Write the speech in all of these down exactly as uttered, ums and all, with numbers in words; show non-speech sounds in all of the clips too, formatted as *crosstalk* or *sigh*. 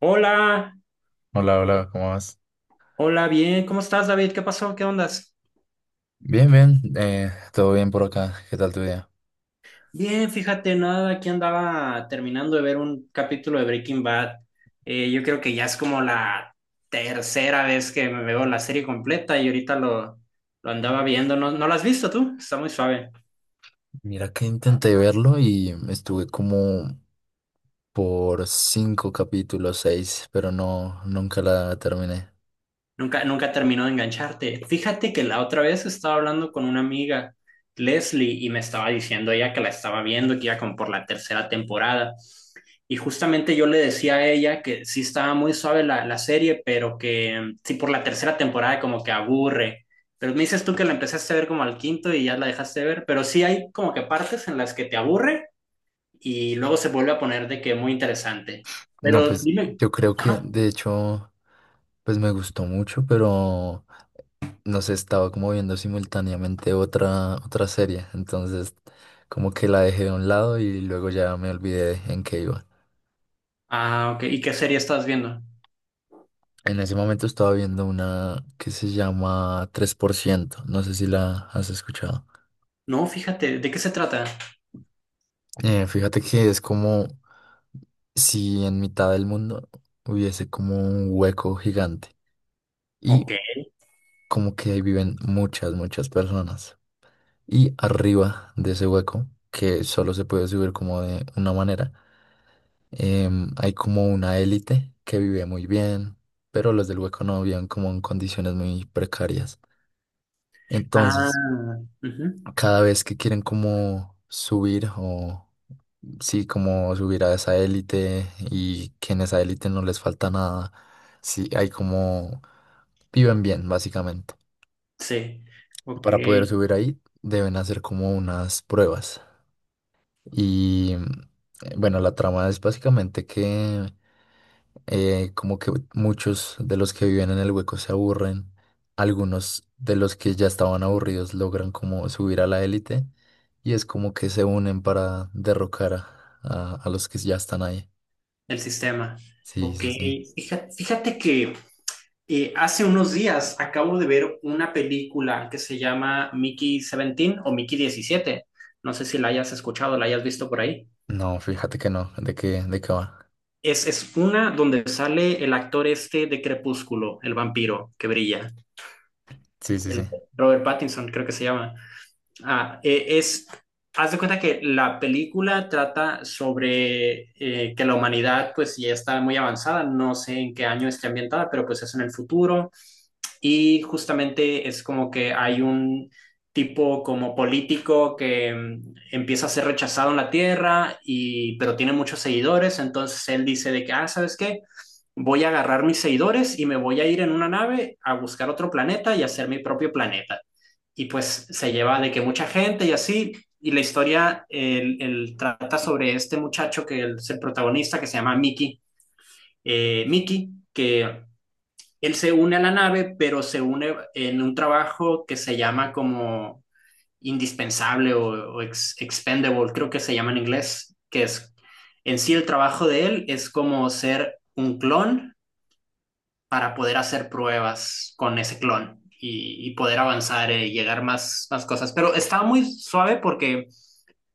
Hola, Hola, hola, ¿cómo vas? hola, bien, ¿cómo estás, David? ¿Qué pasó? ¿Qué ondas? Bien, bien, eh, todo bien por acá. ¿Qué tal tu día? Bien, fíjate, nada, aquí andaba terminando de ver un capítulo de Breaking Bad. Eh, yo creo que ya es como la tercera vez que me veo la serie completa y ahorita lo, lo andaba viendo. ¿No, no la has visto tú? Está muy suave. Mira que intenté verlo y estuve como por cinco capítulos, seis, pero no, nunca la terminé. Nunca, nunca terminó de engancharte. Fíjate que la otra vez estaba hablando con una amiga, Leslie, y me estaba diciendo ella que la estaba viendo, que iba como por la tercera temporada. Y justamente yo le decía a ella que sí estaba muy suave la, la serie, pero que mm, sí por la tercera temporada como que aburre. Pero me dices tú que la empezaste a ver como al quinto y ya la dejaste de ver, pero sí hay como que partes en las que te aburre y luego se vuelve a poner de que muy interesante. No, Pero pues dime, yo creo que ajá. de hecho, pues me gustó mucho, pero no sé, estaba como viendo simultáneamente otra, otra serie, entonces como que la dejé de un lado y luego ya me olvidé en qué iba. Ah, ok, ¿y qué serie estás viendo? En ese momento estaba viendo una que se llama tres por ciento, no sé si la has escuchado. No, fíjate, ¿de qué se trata? Eh, fíjate que es como si en mitad del mundo hubiese como un hueco gigante Ok. y como que ahí viven muchas, muchas personas. Y arriba de ese hueco, que solo se puede subir como de una manera, em, hay como una élite que vive muy bien, pero los del hueco no viven como en condiciones muy precarias. Ah, Entonces, ujú. cada vez que quieren como subir o sí, como subir a esa élite y que en esa élite no les falta nada, sí, hay como viven bien, básicamente. Sí. Ok. Para poder subir ahí deben hacer como unas pruebas. Y eh, bueno, la trama es básicamente que eh, como que muchos de los que viven en el hueco se aburren, algunos de los que ya estaban aburridos logran como subir a la élite y es como que se unen para derrocar a, a- a los que ya están ahí. El sistema. Sí, Ok. sí, sí. Fija- Fíjate, que eh, hace unos días acabo de ver una película que se llama Mickey diecisiete o Mickey Diecisiete. No sé si la hayas escuchado, la hayas visto por ahí. No, fíjate que no, ¿de qué, de qué va? Es, es una donde sale el actor este de Crepúsculo, el vampiro que brilla. Sí, sí, sí. El Robert Pattinson, creo que se llama. Ah, eh, es, haz de cuenta que la película trata sobre eh, que la humanidad pues ya está muy avanzada, no sé en qué año esté ambientada, pero pues es en el futuro y justamente es como que hay un tipo como político que mm, empieza a ser rechazado en la Tierra y pero tiene muchos seguidores, entonces él dice de que, ah, ¿sabes qué? Voy a agarrar mis seguidores y me voy a ir en una nave a buscar otro planeta y hacer mi propio planeta y pues se lleva de que mucha gente y así, y la historia el, el trata sobre este muchacho que es el protagonista que se llama Mickey, eh, Mickey, que él se une a la nave, pero se une en un trabajo que se llama como indispensable o, o ex- expendable, creo que se llama en inglés, que es en sí el trabajo de él es como ser un clon para poder hacer pruebas con ese clon y, y poder avanzar eh, y llegar más, más cosas. Pero estaba muy suave porque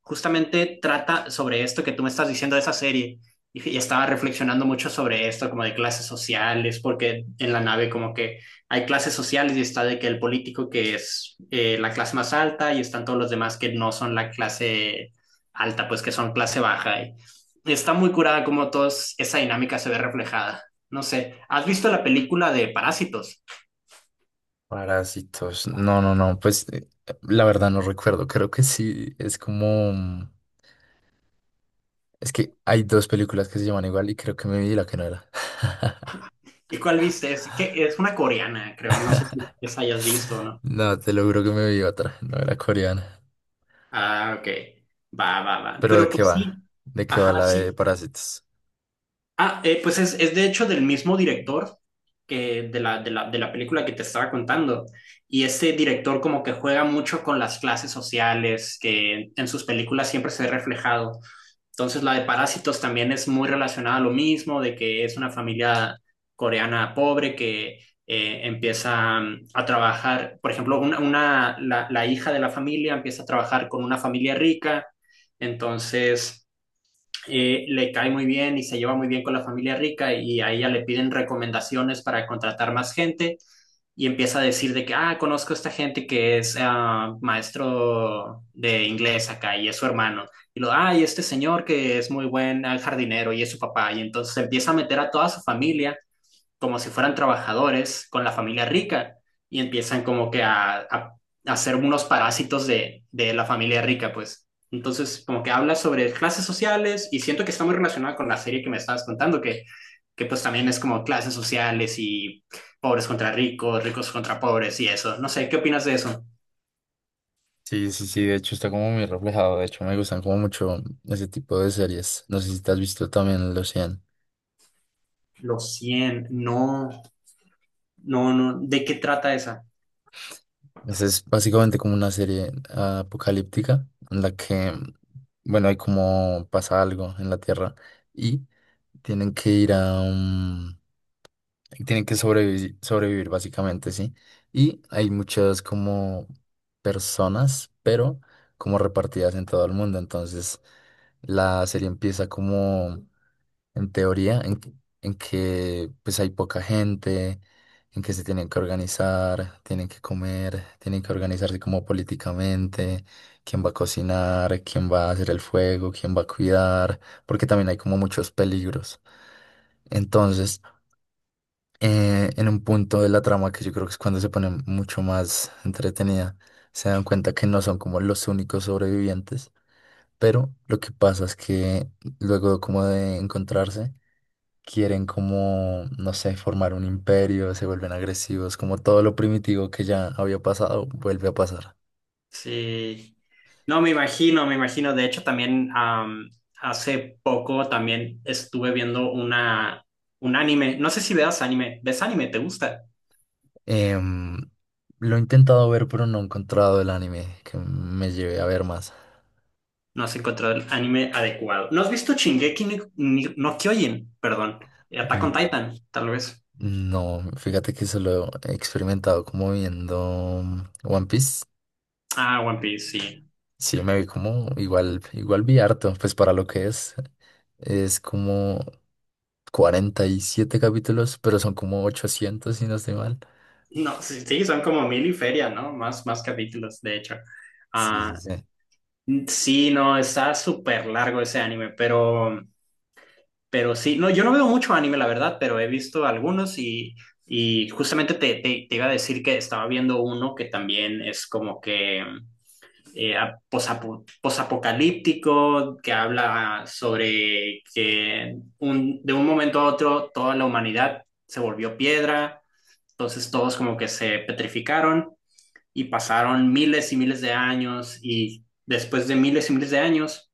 justamente trata sobre esto que tú me estás diciendo de esa serie. Y estaba reflexionando mucho sobre esto, como de clases sociales, porque en la nave como que hay clases sociales y está de que el político que es eh, la clase más alta y están todos los demás que no son la clase alta, pues que son clase baja. Y está muy curada como todos esa dinámica se ve reflejada. No sé, ¿has visto la película de Parásitos? Parásitos. No, no, no, pues eh, la verdad no recuerdo, creo que sí, es como mm, es que hay dos películas que se llaman igual y creo que me vi la que no era. *laughs* ¿Y cuál viste? Es, que es una coreana, creo. No sé si esa hayas visto, ¿no? No, te lo juro que me vi otra, no era coreana. Ah, ok. Va, va, va. Pero ¿de Pero qué pues va? sí. ¿De qué va Ajá, la de sí. Parásitos? Ah, eh, pues es, es de hecho del mismo director que de la, de la, de la película que te estaba contando. Y este director como que juega mucho con las clases sociales, que en sus películas siempre se ve reflejado. Entonces la de Parásitos también es muy relacionada a lo mismo, de que es una familia coreana pobre que eh, empieza mm, a trabajar, por ejemplo, una, una- la, la hija de la familia empieza a trabajar con una familia rica, entonces eh, le cae muy bien y se lleva muy bien con la familia rica y a ella le piden recomendaciones para contratar más gente y empieza a decir de que, ah, conozco a esta gente que es ah, maestro de inglés acá y es su hermano. Y lo, ah, y este señor que es muy buen ah, jardinero y es su papá. Y entonces empieza a meter a toda su familia como si fueran trabajadores con la familia rica y empiezan como que a, a, a ser unos parásitos de, de la familia rica, pues. Entonces, como que habla sobre clases sociales y siento que está muy relacionada con la serie que me estabas contando, que, que pues también es como clases sociales y pobres contra ricos, ricos contra pobres y eso. No sé, ¿qué opinas de eso? Sí, sí, sí, de hecho está como muy reflejado. De hecho, me gustan como mucho ese tipo de series. No sé si te has visto también El Océano. Los cien no, no, no, ¿de qué trata esa? Esa es básicamente como una serie apocalíptica en la que, bueno, hay como pasa algo en la Tierra y tienen que ir a un- y tienen que sobrevivir, sobrevivir básicamente, ¿sí? Y hay muchas como personas, pero como repartidas en todo el mundo. Entonces, la serie empieza como en teoría, en, que- en que pues hay poca gente, en que se tienen que organizar, tienen que comer, tienen que organizarse como políticamente, quién va a cocinar, quién va a hacer el fuego, quién va a cuidar, porque también hay como muchos peligros. Entonces, eh, en un punto de la trama que yo creo que es cuando se pone mucho más entretenida. Se dan cuenta que no son como los únicos sobrevivientes, pero lo que pasa es que luego como de encontrarse, quieren como, no sé, formar un imperio, se vuelven agresivos, como todo lo primitivo que ya había pasado vuelve a pasar. Sí, no me imagino, me imagino. De hecho, también am, hace poco también estuve viendo una, un anime. No sé si veas anime. ¿Ves anime? ¿Te gusta? Em, lo he intentado ver, pero no he encontrado el anime que me lleve a ver más. No has encontrado el anime adecuado. ¿No has visto Shingeki ni- ni- no Kyojin? Perdón. Attack on Mm, Titan, tal vez. no, fíjate que solo he experimentado como viendo mm, One Piece. Ah, One Piece, sí. Sí, me vi como igual, igual vi harto, pues para lo que es. Es como cuarenta y siete capítulos, pero son como ochocientos si no estoy mal. No, sí, sí, son como mil y feria, ¿no? Más, más capítulos, de hecho. Sí, sí, Ah, sí. sí, no, está súper largo ese anime, pero. Pero sí, no, yo no veo mucho anime, la verdad, pero he visto algunos y, y justamente te, te, te iba a decir que estaba viendo uno que también es como que eh, a- posapo- posapocalíptico, que habla sobre que un, de un momento a otro toda la humanidad se volvió piedra, entonces todos como que se petrificaron y pasaron miles y miles de años y después de miles y miles de años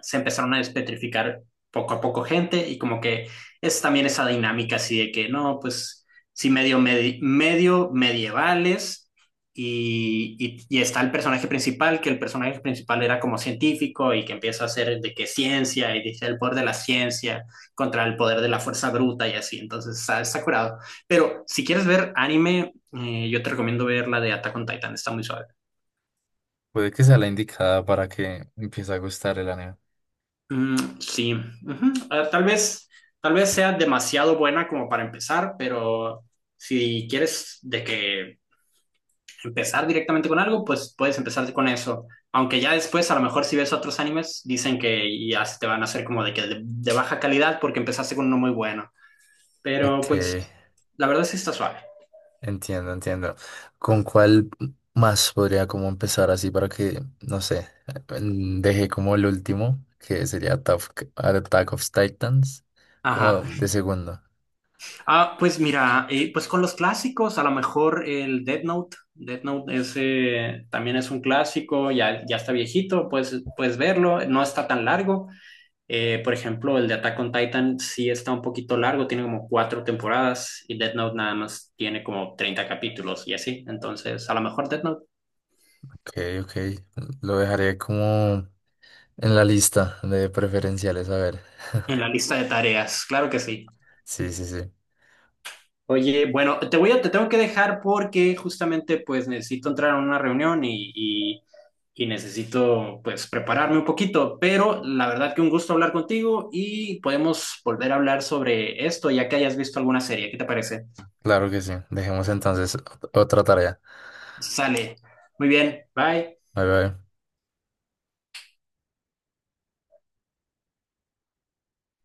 se empezaron a despetrificar poco a poco gente y como que es también esa dinámica así de que no, pues sí medio, medi- medio medievales y, y, y está el personaje principal, que el personaje principal era como científico y que empieza a hacer de que ciencia y dice el poder de la ciencia contra el poder de la fuerza bruta y así, entonces está, está curado. Pero si quieres ver anime, eh, yo te recomiendo ver la de Attack on Titan, está muy suave. Puede que sea la indicada para que empiece a gustar el anime. Mm, sí, ujú. Ah, tal vez, tal vez sea demasiado buena como para empezar, pero si quieres de que empezar directamente con algo, pues puedes empezar con eso. Aunque ya después, a lo mejor si ves otros animes, dicen que ya se te van a hacer como de que de, de baja calidad porque empezaste con uno muy bueno. Ok. Pero pues, la verdad sí está suave. Entiendo, entiendo. ¿Con cuál más podría como empezar así para que, no sé, mm, deje como el último, que sería Attack Attack of Titans, como Ajá. de segundo? Ah, pues mira, eh, pues con los clásicos, a lo mejor el Death Note. Death Note es, eh, también es un clásico, ya, ya está viejito, puedes, puedes verlo, no está tan largo. Eh, por ejemplo, el de Attack on Titan sí está un poquito largo, tiene como cuatro temporadas y Death Note nada más tiene como treinta capítulos y así. Entonces, a lo mejor Death Note Ok, ok. Lo dejaré como en la lista de preferenciales, a ver. en la lista de tareas, claro que sí. Sí, sí, sí. Oye, bueno, te voy a, te tengo que dejar porque justamente pues necesito entrar a una reunión y, y, y necesito pues prepararme un poquito, pero la verdad que un gusto hablar contigo y podemos volver a hablar sobre esto ya que hayas visto alguna serie. ¿Qué te parece? Claro que sí. Dejemos entonces ot- otra tarea. Sale. Muy bien, bye. Bye, bye.